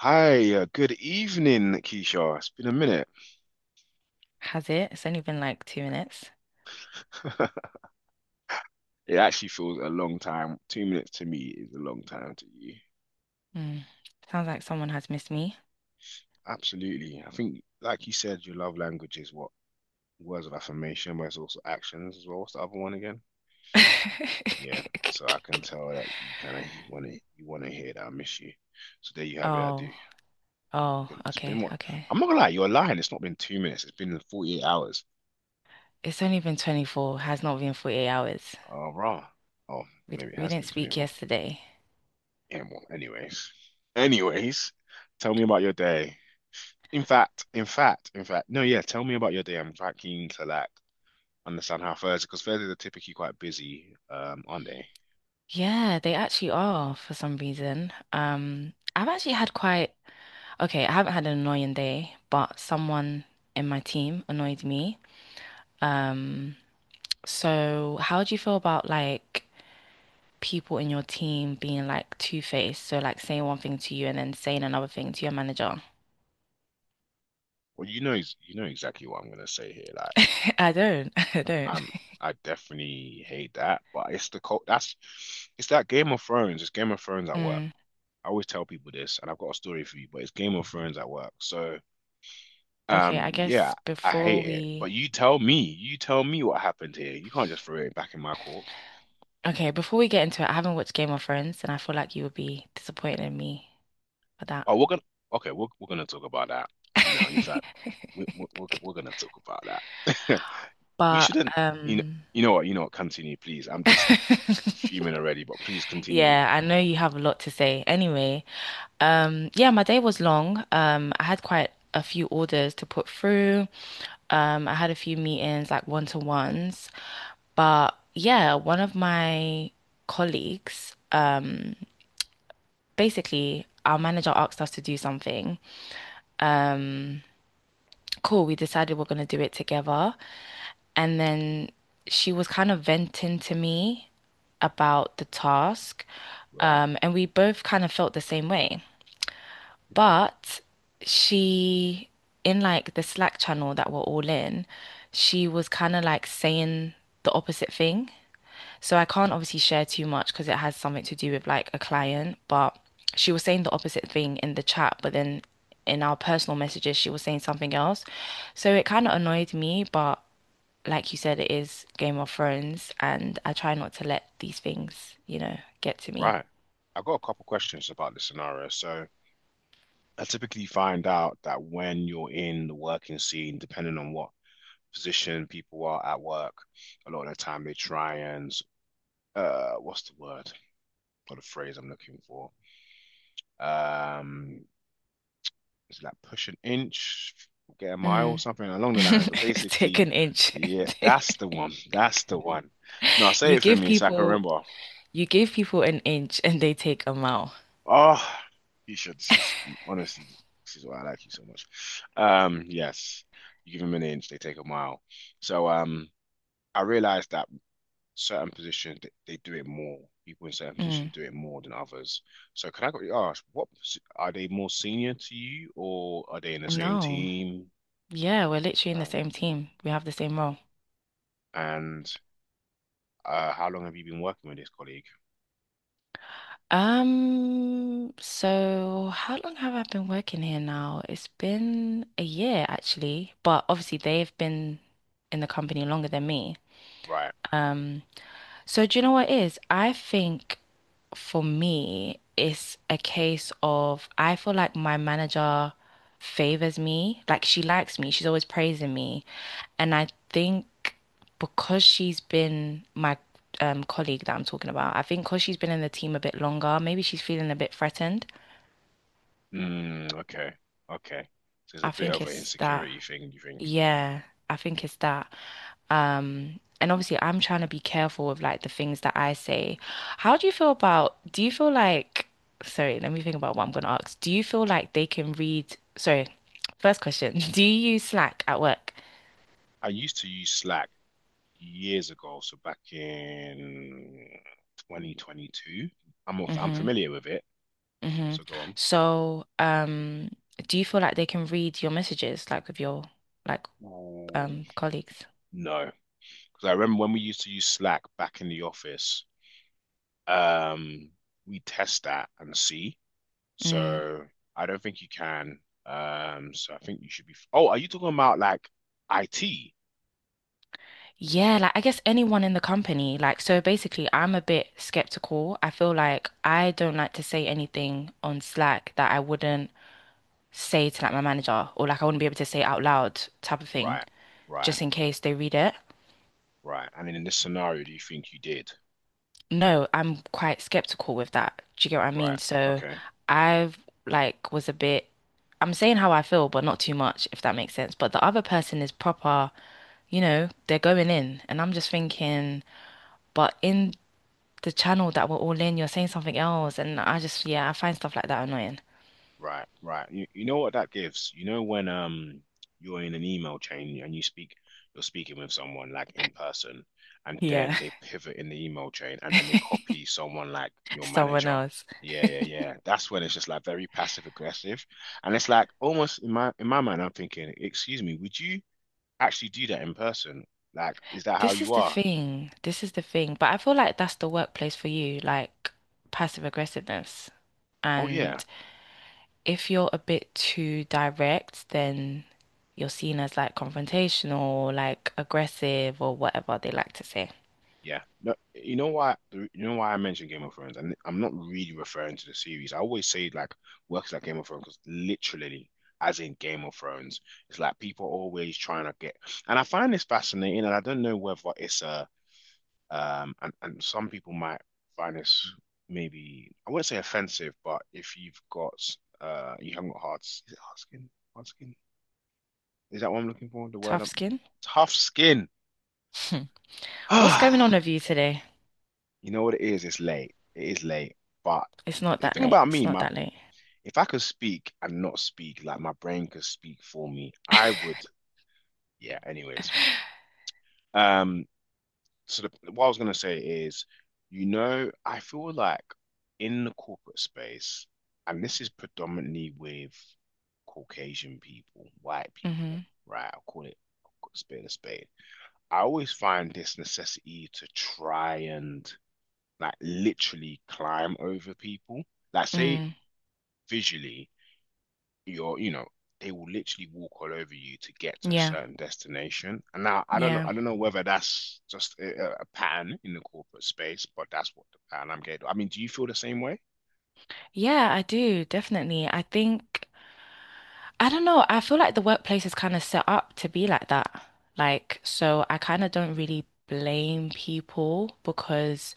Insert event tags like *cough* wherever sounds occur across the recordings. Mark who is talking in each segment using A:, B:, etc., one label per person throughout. A: Hi, good evening, Keisha. It's been a minute.
B: Has it? It's only been like 2 minutes.
A: *laughs* It actually feels a long time. 2 minutes to me is a long time to you.
B: Mm. Sounds like someone has missed me. *laughs*
A: Absolutely. I think, like you said, your love language is what? Words of affirmation, but it's also actions as well. What's the other one again? Yeah. So I can tell that you kind of want to you want to hear that I miss you. So there you have it. I do.
B: Oh, oh,
A: And it's been
B: okay,
A: what?
B: okay.
A: I'm not gonna lie. You're lying. It's not been 2 minutes. It's been 48 hours.
B: It's only been 24, has not been 48 hours.
A: Oh, rah. Oh,
B: We d-
A: maybe it
B: we
A: has
B: didn't
A: been
B: speak
A: 24.
B: yesterday.
A: And well, anyways, anyways, tell me about your day. In fact, in fact, in fact, no, yeah, tell me about your day. I'm quite keen to like understand how Thursday, because Thursdays are typically quite busy, aren't they?
B: Yeah, they actually are for some reason. I've actually had okay, I haven't had an annoying day, but someone in my team annoyed me. Um, so how do you feel about like people in your team being like two-faced, so like saying one thing to you and then saying another thing to your manager?
A: Well, you know exactly what I'm gonna say here.
B: *laughs* I don't. *laughs* I don't.
A: I'm, I definitely hate that, but it's the cult. It's that Game of Thrones. It's Game of Thrones at work.
B: Mm,
A: I always tell people this, and I've got a story for you, but it's Game of Thrones at work. So
B: okay, I
A: Yeah,
B: guess
A: I
B: before
A: hate it. But
B: we
A: you tell me what happened here. You can't just throw it back in my court.
B: okay, before we get into it, I haven't watched Game of Thrones and I feel like you would be disappointed in me for that.
A: Oh, we're gonna okay, we're gonna talk about that. You know, in fact,
B: *laughs*
A: we, we're gonna talk about that. *laughs* We
B: But
A: shouldn't, you know, you know what, continue, please. I'm just
B: *laughs*
A: fuming already, but please continue.
B: yeah, I know you have a lot to say. Anyway, yeah, my day was long. I had quite a few orders to put through. I had a few meetings, like one-to-ones, but yeah, one of my colleagues, basically our manager asked us to do something. Um, cool, we decided we're gonna do it together, and then she was kind of venting to me about the task,
A: Right.
B: and we both kind of felt the same way.
A: Okay.
B: But she, in like the Slack channel that we're all in, she was kind of like saying the opposite thing. So I can't obviously share too much because it has something to do with like a client, but she was saying the opposite thing in the chat, but then in our personal messages, she was saying something else. So it kind of annoyed me, but like you said, it is Game of Thrones, and I try not to let these things, you know, get to me.
A: Right. I've got a couple questions about this scenario. So I typically find out that when you're in the working scene, depending on what position people are at work, a lot of the time they try and what's the word or the phrase I'm looking for? Um, is like push an inch, get a mile,
B: Mm.
A: something along the lines. But
B: *laughs* Take
A: basically,
B: an inch.
A: yeah,
B: *laughs*
A: that's the one. That's the one. No, say
B: You
A: it for
B: give
A: me so I can
B: people
A: remember.
B: you give people an inch and they take a mile.
A: Oh, you should. Honestly, this is why I like you so much. Yes, you give them an inch, they take a mile. So, I realized that certain positions they do it more. People in certain
B: Mm.
A: positions do it more than others. So can I quickly ask, what are they more senior to you, or are they in the same
B: No.
A: team?
B: Yeah, we're literally in the
A: Um,
B: same team. We have the same role.
A: And how long have you been working with this colleague?
B: So how long have I been working here now? It's been a year actually, but obviously they've been in the company longer than me.
A: Right.
B: Um, so do you know what it is? I think for me, it's a case of I feel like my manager favors me. Like she likes me. She's always praising me. And I think because she's been my colleague that I'm talking about, I think because she's been in the team a bit longer, maybe she's feeling a bit threatened.
A: Mm, okay. Okay. So it's a
B: I
A: bit
B: think
A: of an
B: it's that.
A: insecurity thing, you think?
B: Yeah, I think it's that. And obviously I'm trying to be careful with like the things that I say. How do you feel about, do you feel like, sorry, let me think about what I'm gonna ask. Do you feel like they can read, sorry, first question, *laughs* do you use Slack at work?
A: I used to use Slack years ago, so back in 2022. I'm
B: Mm-hmm.
A: familiar with it.
B: Mm-hmm.
A: So go on.
B: So, um, do you feel like they can read your messages like with your like
A: Oh.
B: colleagues?
A: No. Because I remember when we used to use Slack back in the office, um, we test that and see. So I don't think you can. So I think you should be. Oh, are you talking about like IT?
B: Yeah, like I guess anyone in the company. Like, so basically, I'm a bit skeptical. I feel like I don't like to say anything on Slack that I wouldn't say to like my manager or like I wouldn't be able to say out loud type of thing,
A: Right, right,
B: just in case they read it.
A: right. And in this scenario, do you think you did?
B: No, I'm quite skeptical with that. Do you get what I
A: Right.
B: mean? So
A: Okay.
B: I've like was a bit, I'm saying how I feel, but not too much, if that makes sense. But the other person is proper, you know, they're going in, and I'm just thinking, but in the channel that we're all in, you're saying something else. And I just, yeah, I find stuff like that annoying.
A: Right, right. You know what that gives? You know when you're in an email chain and you're speaking with someone like in person and then
B: Yeah,
A: they pivot in the email chain and then they copy someone like
B: *laughs*
A: your
B: someone
A: manager.
B: else.
A: Yeah, yeah, yeah. That's when it's just like very passive aggressive. And it's like almost in my mind I'm thinking, excuse me, would you actually do that in person? Like, is that how you are?
B: This is the thing. But I feel like that's the workplace for you, like passive aggressiveness.
A: Oh yeah.
B: And if you're a bit too direct, then you're seen as like confrontational, like aggressive, or whatever they like to say.
A: Yeah. No, you know why I mentioned Game of Thrones and I'm not really referring to the series. I always say like works like Game of Thrones because literally as in Game of Thrones, it's like people are always trying to get and I find this fascinating and I don't know whether it's a and some people might find this maybe I wouldn't say offensive, but if you've got you haven't got hard is it hard skin? Hard skin? Is that what I'm looking for? The word
B: Tough
A: I'm
B: skin.
A: tough skin.
B: Hmm. *laughs* What's going on with
A: *sighs*
B: you today?
A: You know what it is? It's late. It is late. But
B: It's not
A: the
B: that
A: thing
B: late.
A: about
B: It's
A: me,
B: not
A: my
B: that late.
A: if I could speak and not speak, like my brain could speak for me, I would. Yeah. Anyways, um. So what I was gonna say is, you know, I feel like in the corporate space, and this is predominantly with Caucasian people, white
B: Mm-hmm.
A: people, right? I'll call it a spade a spade. I always find this necessity to try and like literally climb over people. Like say
B: Mm.
A: visually, you know, they will literally walk all over you to get to a
B: Yeah.
A: certain destination. And now
B: Yeah.
A: I don't know whether that's just a pattern in the corporate space, but that's what the pattern I'm getting. I mean, do you feel the same way?
B: Yeah, I do, definitely. I don't know, I feel like the workplace is kind of set up to be like that. Like, so I kind of don't really blame people because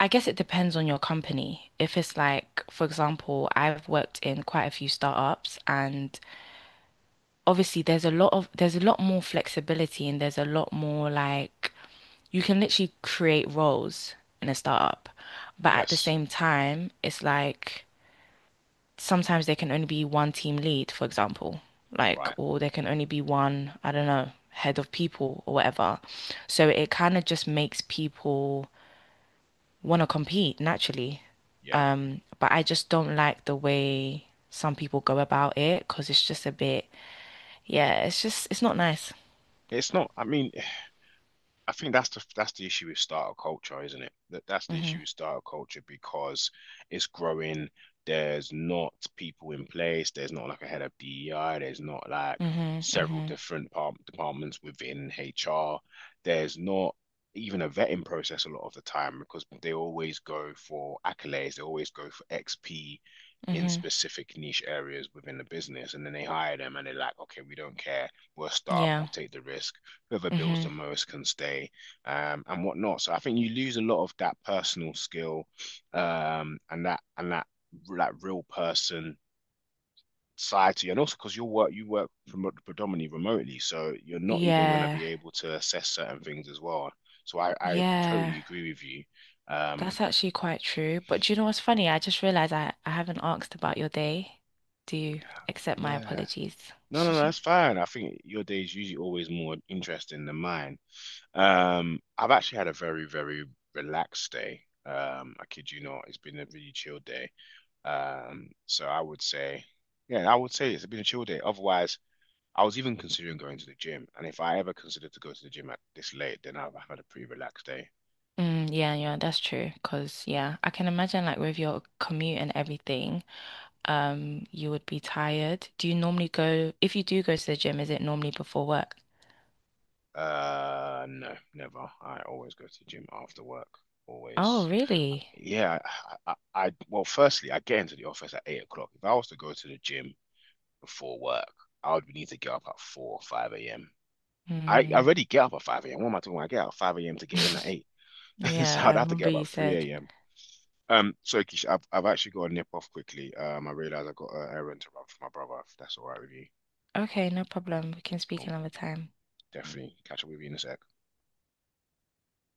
B: I guess it depends on your company. If it's like, for example, I've worked in quite a few startups and obviously there's a lot more flexibility and there's a lot more like, you can literally create roles in a startup. But at the
A: Yes.
B: same time, it's like, sometimes there can only be one team lead, for example, like,
A: Right.
B: or there can only be one, I don't know, head of people or whatever. So it kind of just makes people want to compete naturally.
A: Yeah.
B: But I just don't like the way some people go about it because it's just yeah, it's not nice.
A: It's not, I mean, I think that's the issue with startup culture, isn't it? That's the issue
B: Hmm.
A: with startup culture because it's growing. There's not people in place. There's not like a head of DEI. There's not like
B: Hmm.
A: several
B: Hmm.
A: different par- departments within HR. There's not even a vetting process a lot of the time because they always go for accolades. They always go for XP in
B: Hmm.
A: specific niche areas within the business, and then they hire them and they're like, okay, we don't care. We're a startup. We'll
B: Yeah.
A: take the risk whoever builds the
B: Hmm.
A: most can stay and whatnot. So I think you lose a lot of that personal skill and that that real person side to you, and also because you work predominantly remotely, so you're not even going to
B: Yeah.
A: be able to assess certain things as well. So I
B: Yeah.
A: totally agree with you. Um,
B: That's actually quite true. But do you know what's funny? I just realized I haven't asked about your day. Do
A: you
B: you
A: have,
B: accept my
A: yeah.
B: apologies?
A: No, no, no,
B: *laughs*
A: that's fine. I think your day is usually always more interesting than mine. I've actually had a very, very relaxed day. I kid you not, it's been a really chill day. So I would say, yeah, I would say it's been a chill day. Otherwise, I was even considering going to the gym, and if I ever considered to go to the gym at this late, then I've had a pretty relaxed day.
B: Mm, yeah,
A: I kid
B: yeah,
A: you
B: that's true. Because, yeah, I can imagine like with your commute and everything, you would be tired. Do you normally go, if you do go to the gym, is it normally before work?
A: No, never. I always go to the gym after work.
B: Oh,
A: Always.
B: really?
A: Yeah, I, I, I, well, firstly, I get into the office at 8 o'clock. If I was to go to the gym before work, I would need to get up at 4 or 5 a.m. I
B: Mm.
A: already get up at 5 a.m. What am I talking about? I get up at 5 a.m. to get in at
B: *laughs*
A: 8. *laughs* So
B: Yeah, I
A: I'd have to get
B: remember
A: up
B: you
A: at
B: said.
A: 3 a.m. Sorry, Keisha, I've actually got to nip off quickly. I realize I've got an errand to run for my brother, if that's all right with you.
B: Okay, no problem. We can speak
A: Cool.
B: another time.
A: Definitely catch up with you in a sec.